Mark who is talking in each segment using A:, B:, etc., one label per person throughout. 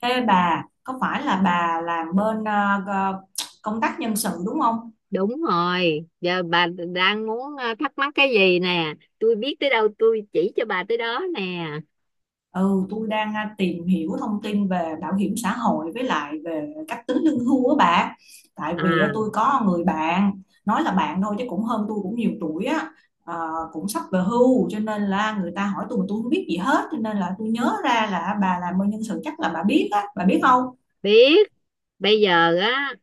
A: Ê bà, có phải là bà làm bên gờ- công tác nhân sự đúng không?
B: Đúng rồi, giờ bà đang muốn thắc mắc cái gì nè, tôi biết tới đâu tôi chỉ cho bà tới đó nè.
A: Ừ, tôi đang tìm hiểu thông tin về bảo hiểm xã hội với lại về cách tính lương hưu á bà. Tại
B: À,
A: vì tôi có người bạn, nói là bạn thôi chứ cũng hơn tôi cũng nhiều tuổi á, cũng sắp về hưu cho nên là người ta hỏi tôi mà tôi không biết gì hết cho nên là tôi nhớ ra là bà làm bên nhân sự chắc là bà biết á, bà biết không?
B: biết. Bây giờ á,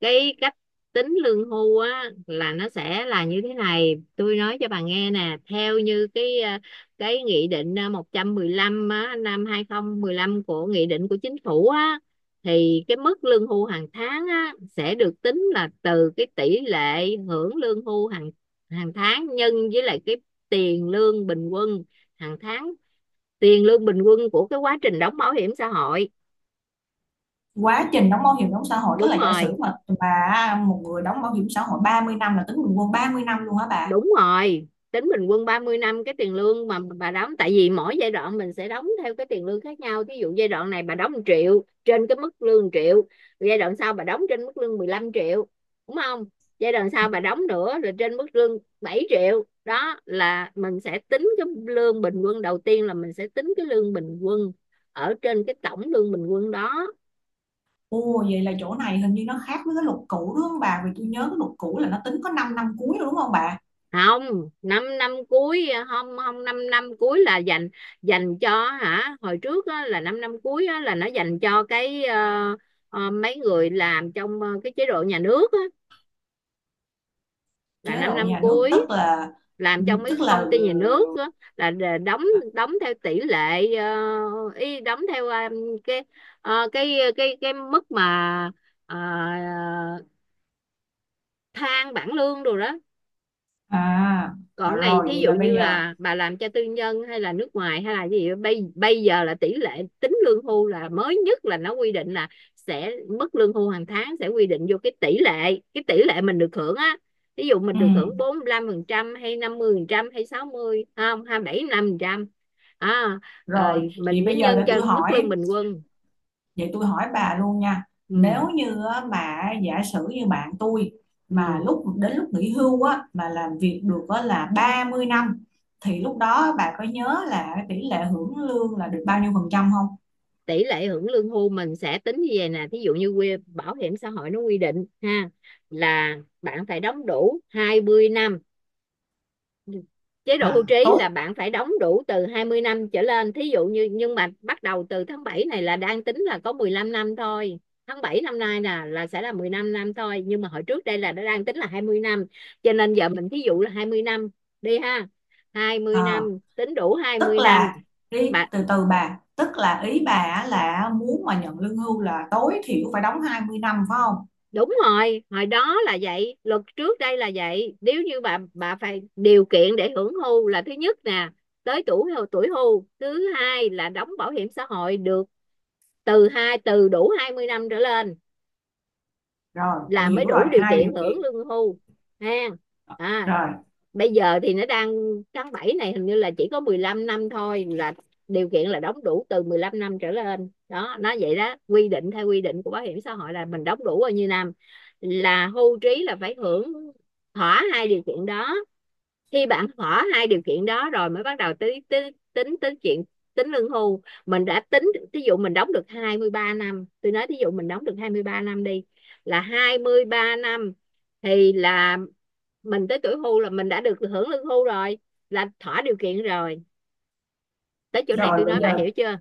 B: cái cách tính lương hưu á là nó sẽ là như thế này, tôi nói cho bà nghe nè. Theo như cái cái nghị định 115 á, năm hai không một lăm, của nghị định của chính phủ á, thì cái mức lương hưu hàng tháng á sẽ được tính là từ cái tỷ lệ hưởng lương hưu hàng hàng tháng nhân với lại cái tiền lương bình quân hàng tháng, tiền lương bình quân của cái quá trình đóng bảo hiểm xã hội.
A: Quá trình đóng bảo hiểm đóng xã hội tức
B: Đúng
A: là giả
B: rồi,
A: sử mà bà một người đóng bảo hiểm xã hội 30 năm là tính bình quân 30 năm luôn hả bà?
B: đúng rồi, tính bình quân 30 năm cái tiền lương mà bà đóng, tại vì mỗi giai đoạn mình sẽ đóng theo cái tiền lương khác nhau. Ví dụ giai đoạn này bà đóng 1 triệu, trên cái mức lương 1 triệu, giai đoạn sau bà đóng trên mức lương 15 triệu, đúng không, giai đoạn sau bà đóng nữa rồi trên mức lương 7 triệu, đó là mình sẽ tính cái lương bình quân. Đầu tiên là mình sẽ tính cái lương bình quân ở trên cái tổng lương bình quân đó.
A: Ồ, vậy là chỗ này hình như nó khác với cái luật cũ đúng không bà, vì tôi nhớ cái luật cũ là nó tính có 5 năm năm cuối đúng không bà?
B: Không, năm năm cuối không, không, năm năm cuối là dành, dành cho hả, hồi trước á, là năm năm cuối á, là nó dành cho cái mấy người làm trong cái chế độ nhà nước á, là
A: Chế
B: năm
A: độ
B: năm
A: nhà nước
B: cuối, làm trong mấy
A: tức là
B: công ty nhà nước á, đóng, đóng theo tỷ lệ, y đóng theo cái, cái mức mà ờ, thang bảng lương đồ đó.
A: à. À,
B: Còn này
A: rồi
B: thí
A: vậy
B: dụ
A: là
B: như
A: bây giờ.
B: là bà làm cho tư nhân hay là nước ngoài hay là gì, bây bây giờ là tỷ lệ tính lương hưu là mới nhất là nó quy định là sẽ, mức lương hưu hàng tháng sẽ quy định vô cái tỷ lệ, cái tỷ lệ mình được hưởng á. Ví dụ mình
A: Ừ,
B: được hưởng 45 phần trăm hay 50 phần trăm hay sáu mươi, không, 27 5 phần trăm. À,
A: rồi
B: rồi
A: vậy
B: mình mới
A: bây giờ
B: nhân
A: để
B: cho
A: tôi
B: mức lương
A: hỏi.
B: bình quân.
A: Vậy tôi hỏi bà luôn nha,
B: Ừ,
A: nếu như á, mà giả sử như bạn tôi mà
B: ừ.
A: lúc đến lúc nghỉ hưu á mà làm việc được á là 30 năm thì lúc đó bà có nhớ là cái tỷ lệ hưởng lương là được bao nhiêu phần trăm không?
B: Tỷ lệ hưởng lương hưu mình sẽ tính như vậy nè. Thí dụ như bảo hiểm xã hội nó quy định ha, là bạn phải đóng đủ 20 năm. Chế độ hưu
A: À,
B: trí là
A: tốt.
B: bạn phải đóng đủ từ 20 năm trở lên. Thí dụ như nhưng mà bắt đầu từ tháng 7 này là đang tính là có 15 năm thôi. Tháng 7 năm nay là sẽ là 15 năm thôi, nhưng mà hồi trước đây là đã đang tính là 20 năm, cho nên giờ mình thí dụ là 20 năm đi ha. Hai mươi
A: À,
B: năm, tính đủ hai
A: tức
B: mươi năm.
A: là đi
B: Bạn
A: từ từ bà, tức là ý bà á là muốn mà nhận lương hưu là tối thiểu phải đóng 20 năm phải không?
B: đúng rồi, hồi đó là vậy, luật trước đây là vậy. Nếu như bà phải điều kiện để hưởng hưu là thứ nhất nè, tới tuổi tuổi hưu, thứ hai là đóng bảo hiểm xã hội được từ đủ 20 năm trở lên,
A: Rồi,
B: là
A: tôi
B: mới
A: hiểu rồi,
B: đủ điều
A: hai
B: kiện
A: điều
B: hưởng
A: kiện.
B: lương hưu ha. À,
A: Rồi,
B: bây giờ thì nó đang, tháng 7 này hình như là chỉ có 15 năm thôi, là điều kiện là đóng đủ từ 15 năm trở lên đó, nó vậy đó, quy định theo quy định của bảo hiểm xã hội là mình đóng đủ bao nhiêu năm, là hưu trí là phải hưởng. Thỏa hai điều kiện đó, khi bạn hỏi hai điều kiện đó rồi mới bắt đầu tính tính tính tính chuyện tính lương hưu. Mình đã tính, ví dụ mình đóng được 23 năm, tôi nói ví dụ mình đóng được 23 năm đi, là 23 năm, thì là mình tới tuổi hưu là mình đã được hưởng lương hưu rồi, là thỏa điều kiện rồi. Tới chỗ này
A: rồi
B: tôi
A: bây
B: nói bà
A: giờ
B: hiểu chưa.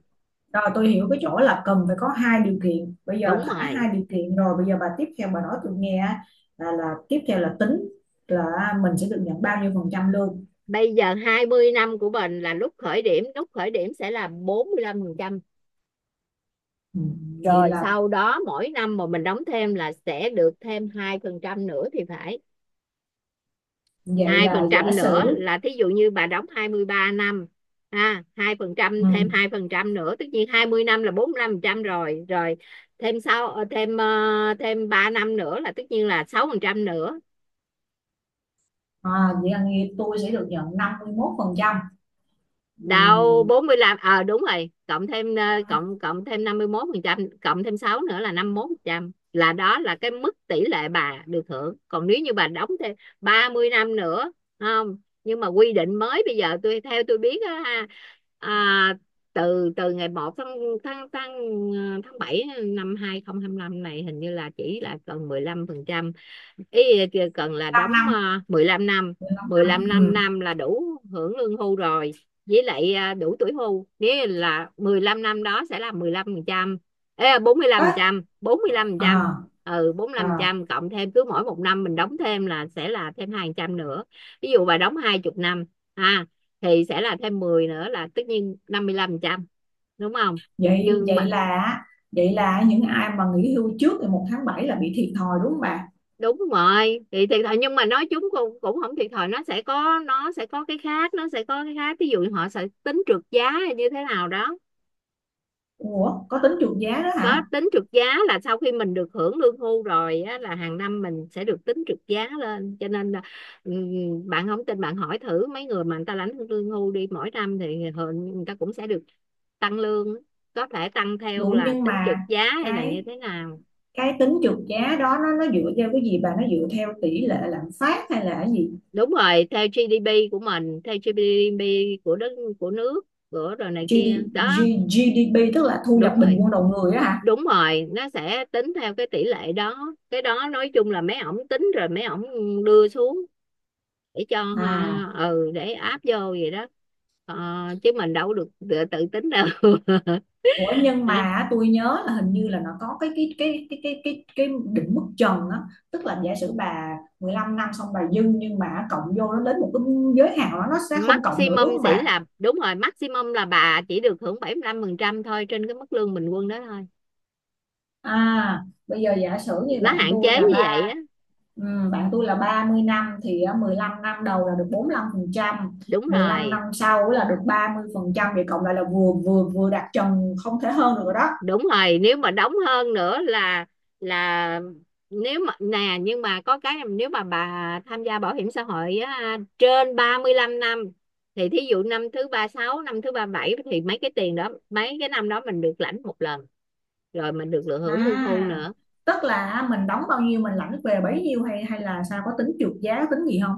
A: Rồi tôi hiểu cái chỗ là cần phải có hai điều kiện. Bây giờ
B: Đúng
A: thỏa
B: rồi,
A: hai điều kiện rồi, bây giờ bà tiếp theo bà nói tôi nghe á, là tiếp theo là tính là mình sẽ được nhận bao nhiêu phần trăm lương.
B: bây giờ 20 năm của mình là lúc khởi điểm, lúc khởi điểm sẽ là bốn mươi lăm phần trăm.
A: Ừ, vậy
B: Rồi
A: là
B: sau đó mỗi năm mà mình đóng thêm là sẽ được thêm 2% nữa thì phải.
A: vậy
B: Hai
A: là
B: phần
A: giả
B: trăm nữa,
A: sử
B: là thí dụ như bà đóng 23 năm ha, hai phần trăm, thêm
A: ừ.
B: hai phần trăm nữa, tất nhiên 20 năm là 45 phần trăm rồi rồi, thêm sau thêm 3 năm nữa là tất nhiên là 6 phần trăm nữa.
A: À, vậy là nghe tôi sẽ được nhận 51% ừ.
B: Đâu 45, ờ đúng rồi, cộng thêm ờ, cộng cộng thêm 51 phần trăm, cộng thêm 6 nữa là 51 phần trăm, là đó là cái mức tỷ lệ bà được hưởng. Còn nếu như bà đóng thêm 30 năm nữa, không, nhưng mà quy định mới bây giờ tôi theo tôi biết á ha. À, từ từ ngày một tháng, tháng tháng ờ, tháng 7 năm 2025 này, hình như là chỉ là còn 15 phần trăm. Ý kìa, cần là đóng
A: 15 năm
B: 15 năm.
A: 15 năm ừ.
B: Năm là đủ hưởng lương hưu rồi, với lại à, đủ tuổi hưu. Nếu là 15 năm đó sẽ là mười lăm phần trăm. Ê,
A: Ế,
B: 45%, ừ bốn mươi
A: à,
B: lăm phần
A: à.
B: trăm, cộng thêm cứ mỗi một năm mình đóng thêm là sẽ là thêm hai phần trăm nữa. Ví dụ bà đóng 20 năm ha, thì sẽ là thêm 10 nữa là tất nhiên 55%, đúng không.
A: Vậy
B: Nhưng mà
A: vậy là những ai mà nghỉ hưu trước ngày một tháng 7 là bị thiệt thòi đúng không bà?
B: đúng rồi thì thiệt thòi, nhưng mà nói chúng cũng cũng không thiệt thòi, nó sẽ có, nó sẽ có cái khác nó sẽ có cái khác, ví dụ như họ sẽ tính trượt giá hay như thế nào đó.
A: Ủa có tính trượt giá đó
B: Có
A: hả?
B: tính trượt giá là sau khi mình được hưởng lương hưu rồi á, là hàng năm mình sẽ được tính trượt giá lên, cho nên là bạn không tin bạn hỏi thử mấy người mà người ta lãnh lương hưu đi, mỗi năm thì người ta cũng sẽ được tăng lương, có thể tăng theo
A: Đủ
B: là
A: nhưng
B: tính trượt
A: mà
B: giá hay là như
A: cái
B: thế nào.
A: cái tính trượt giá đó nó dựa theo cái gì bà, nó dựa theo tỷ lệ lạm phát hay là cái gì?
B: Đúng rồi, theo GDP của mình, theo GDP của đất, của nước, của rồi này
A: GD,
B: kia đó.
A: G- GDP tức là thu nhập
B: Đúng
A: bình
B: rồi,
A: quân đầu người á hả?
B: đúng rồi, nó sẽ tính theo cái tỷ lệ đó. Cái đó nói chung là mấy ổng tính rồi mấy ổng đưa xuống để cho
A: À,
B: để áp vô vậy đó. Ờ, chứ mình đâu có được tự tính đâu
A: ủa nhưng mà á, tôi nhớ là hình như là nó có cái định mức trần á, tức là giả sử bà 15 năm xong bà dư nhưng mà cộng vô nó đến một cái giới hạn đó nó sẽ không cộng nữa
B: maximum
A: đúng không
B: sẽ
A: bà?
B: là, đúng rồi, maximum là bà chỉ được hưởng 75% thôi, trên cái mức lương bình quân đó thôi,
A: À, bây giờ giả sử như
B: nó hạn chế như vậy á.
A: bạn tôi là 30 năm thì 15 năm đầu là được bốn lăm phần trăm,
B: Đúng
A: mười lăm năm
B: rồi,
A: sau là được ba mươi phần trăm, vậy cộng lại là vừa vừa vừa đạt trần không thể hơn được rồi đó.
B: đúng rồi nếu mà đóng hơn nữa là nếu mà nè, nhưng mà có cái, nếu mà bà tham gia bảo hiểm xã hội á, trên 35 năm, thì thí dụ năm thứ ba sáu, năm thứ ba bảy, thì mấy cái tiền đó, mấy cái năm đó mình được lãnh một lần, rồi mình được lựa hưởng lương hưu
A: À,
B: nữa.
A: tức là à, mình đóng bao nhiêu mình lãnh về bấy nhiêu hay hay là sao, có tính trượt giá tính gì không?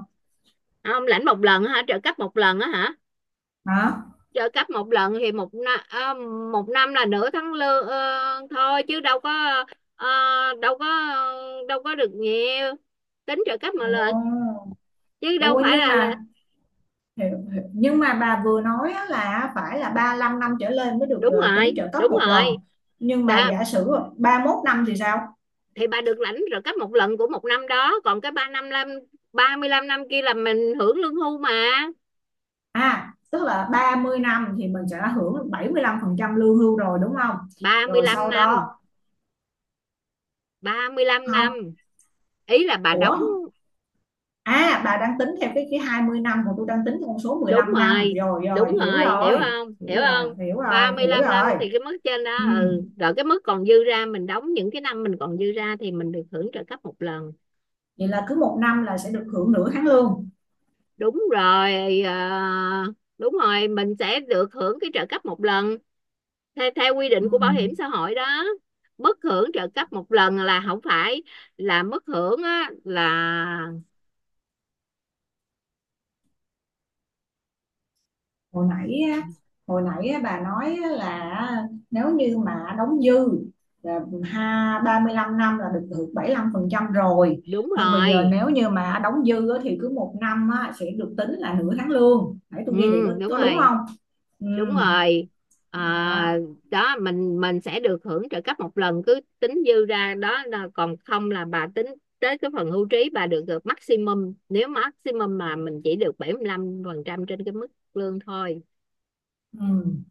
B: Không, lãnh một lần hả, trợ cấp một lần á hả.
A: Hả?
B: Trợ cấp một lần thì một năm, một năm là nửa tháng lương thôi, chứ đâu có ờ, đâu có đâu có được nhiều. Tính trợ cấp mà lời,
A: Ồ,
B: chứ đâu
A: ôi
B: phải
A: nhưng
B: là là.
A: mà Hiểu, hiểu. Nhưng mà bà vừa nói á là phải là ba lăm năm trở lên mới được
B: Đúng
A: tính
B: rồi,
A: trợ cấp
B: đúng
A: một lần.
B: rồi,
A: Nhưng mà
B: đó,
A: giả sử ba mốt năm thì sao?
B: thì bà được lãnh trợ cấp một lần của một năm đó, còn cái ba mươi lăm năm kia là mình hưởng lương hưu mà.
A: À, tức là 30 năm thì mình sẽ hưởng 75% lương hưu rồi đúng không?
B: ba mươi
A: Rồi
B: lăm
A: sau
B: năm
A: đó
B: Ba mươi lăm
A: không,
B: năm, ý là bà
A: ủa,
B: đóng.
A: à bà đang tính theo cái 20 năm còn tôi đang tính con số mười
B: Đúng
A: lăm năm.
B: rồi,
A: Rồi rồi,
B: đúng
A: hiểu
B: rồi, hiểu
A: rồi.
B: không,
A: Hiểu
B: hiểu
A: rồi,
B: không.
A: hiểu rồi,
B: Ba mươi
A: hiểu
B: lăm năm
A: rồi.
B: thì cái mức trên đó,
A: Ừ.
B: ừ, rồi cái mức còn dư ra, mình đóng những cái năm mình còn dư ra thì mình được hưởng trợ cấp một lần.
A: Vậy là cứ một năm là sẽ được hưởng nửa tháng lương.
B: Đúng rồi, ờ, đúng rồi, mình sẽ được hưởng cái trợ cấp một lần theo, theo quy
A: Ừ.
B: định của bảo hiểm xã hội đó. Mức hưởng trợ cấp một lần là không phải là mức hưởng á, là
A: hồi nãy hồi nãy bà nói là nếu như mà đóng dư là ha 35 năm là được hưởng 75 phần trăm rồi,
B: đúng
A: nhưng bây giờ
B: rồi.
A: nếu như mà đóng dư á, thì cứ một năm á, sẽ được tính là nửa tháng lương, nãy tôi
B: Ừ,
A: ghi vậy
B: đúng
A: có đúng
B: rồi,
A: không? Ừ,
B: đúng rồi. À,
A: đó.
B: đó, mình sẽ được hưởng trợ cấp một lần cứ tính dư ra đó, là còn không là bà tính tới cái phần hưu trí bà được được maximum, nếu maximum mà mình chỉ được 75 phần trăm trên cái mức lương thôi.
A: Ừ,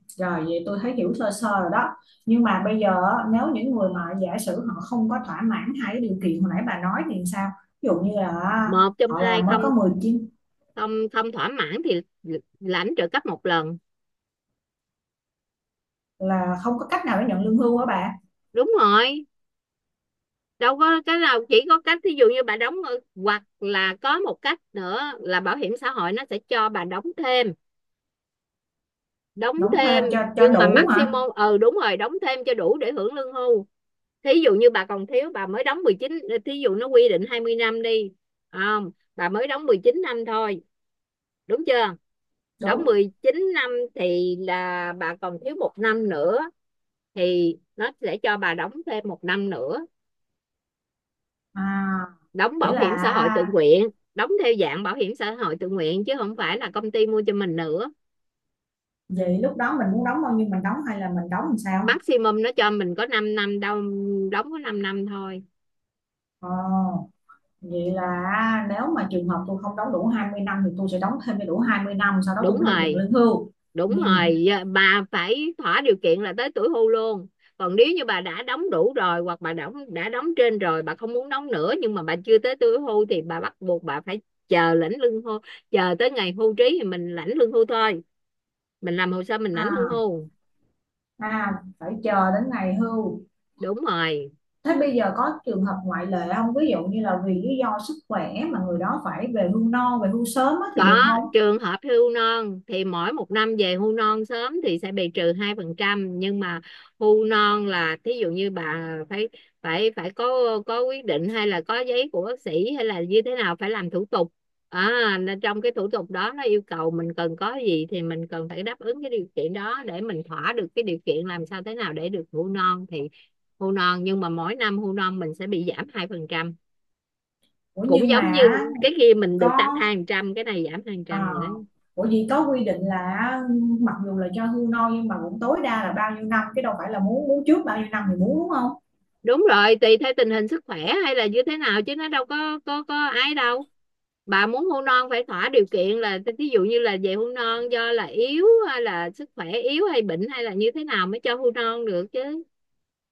A: rồi vậy tôi thấy hiểu sơ sơ rồi đó, nhưng mà bây giờ á, nếu những người mà giả sử họ không có thỏa mãn hai cái điều kiện hồi nãy bà nói thì sao, ví dụ như là
B: Một trong
A: họ
B: hai
A: làm mới
B: không,
A: có 19,
B: không, không thỏa mãn thì lãnh trợ cấp một lần.
A: là không có cách nào để nhận lương hưu hả bạn?
B: Đúng rồi, đâu có cái nào, chỉ có cách thí dụ như bà đóng, hoặc là có một cách nữa là bảo hiểm xã hội nó sẽ cho bà đóng thêm, đóng
A: Đóng
B: thêm,
A: thêm cho
B: nhưng mà
A: đủ hả?
B: maximum, ừ đúng rồi đóng thêm cho đủ để hưởng lương hưu. Thí dụ như bà còn thiếu, bà mới đóng 19, thí dụ nó quy định 20 năm đi, không, bà mới đóng 19 năm thôi, đúng chưa, đóng
A: Đúng.
B: 19 năm thì là bà còn thiếu một năm nữa, thì nó sẽ cho bà đóng thêm một năm nữa,
A: À
B: đóng
A: nghĩa
B: bảo
A: là
B: hiểm xã hội tự nguyện, đóng theo dạng bảo hiểm xã hội tự nguyện chứ không phải là công ty mua cho mình nữa.
A: vậy lúc đó mình muốn đóng bao nhiêu mình đóng hay là mình đóng làm sao?
B: Maximum nó cho mình có 5 năm đâu, đóng có 5 năm thôi.
A: Ờ, vậy là nếu mà trường hợp tôi không đóng đủ 20 năm thì tôi sẽ đóng thêm cho đủ 20 năm sau đó
B: Đúng
A: tôi mới được nhận
B: rồi,
A: lương hưu.
B: đúng
A: Ừ.
B: rồi, bà phải thỏa điều kiện là tới tuổi hưu luôn, còn nếu như bà đã đóng đủ rồi, hoặc bà đóng trên rồi, bà không muốn đóng nữa, nhưng mà bà chưa tới tuổi hưu, thì bà bắt buộc bà phải chờ lãnh lương hưu, chờ tới ngày hưu trí thì mình lãnh lương hưu thôi, mình làm hồ sơ mình lãnh lương
A: À,
B: hưu.
A: à phải chờ đến ngày hưu.
B: Đúng rồi.
A: Thế bây giờ có trường hợp ngoại lệ không, ví dụ như là vì lý do sức khỏe mà người đó phải về hưu non về hưu sớm á thì
B: Có,
A: được không?
B: trường hợp hưu non thì mỗi một năm về hưu non sớm thì sẽ bị trừ hai phần trăm, nhưng mà hưu non là thí dụ như bà phải phải phải có quyết định hay là có giấy của bác sĩ hay là như thế nào, phải làm thủ tục. À, nên trong cái thủ tục đó nó yêu cầu mình cần có gì thì mình cần phải đáp ứng cái điều kiện đó để mình thỏa được cái điều kiện, làm sao thế nào để được hưu non, thì hưu non nhưng mà mỗi năm hưu non mình sẽ bị giảm hai phần trăm,
A: Ủa
B: cũng
A: nhưng
B: giống như
A: mà
B: cái kia mình được tám
A: có.
B: hai phần trăm, cái này giảm hai phần trăm
A: À,
B: vậy đó.
A: ủa gì có quy định là mặc dù là cho hưu non nhưng mà cũng tối đa là bao nhiêu năm chứ đâu phải là muốn muốn trước bao nhiêu năm thì muốn đúng không?
B: Đúng rồi, tùy theo tình hình sức khỏe hay là như thế nào, chứ nó đâu có ai đâu. Bà muốn hôn non phải thỏa điều kiện là ví dụ như là về hôn non do là yếu hay là sức khỏe yếu hay bệnh hay là như thế nào mới cho hôn non được chứ,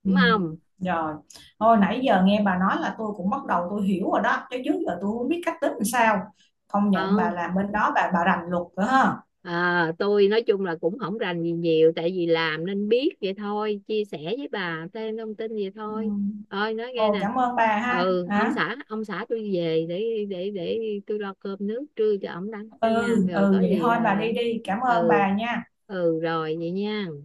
A: Ừ,
B: đúng không.
A: rồi. Thôi nãy giờ nghe bà nói là tôi cũng bắt đầu tôi hiểu rồi đó chứ trước giờ tôi không biết cách tính làm sao. Công nhận
B: Ờ.
A: bà làm bên đó bà rành luật nữa ha.
B: À, tôi nói chung là cũng không rành gì nhiều, tại vì làm nên biết vậy thôi, chia sẻ với bà thêm thông tin vậy
A: Ừ.
B: thôi. Ơi nói nghe
A: Ồ,
B: nè,
A: cảm ơn bà ha.
B: ừ ông
A: Hả?
B: xã, tôi về để tôi lo cơm nước trưa cho ổng đó, cả
A: Ừ,
B: nhà rồi
A: ừ
B: có
A: vậy
B: gì
A: thôi bà
B: là.
A: đi đi. Cảm ơn
B: Ừ,
A: bà nha.
B: ừ rồi vậy nha.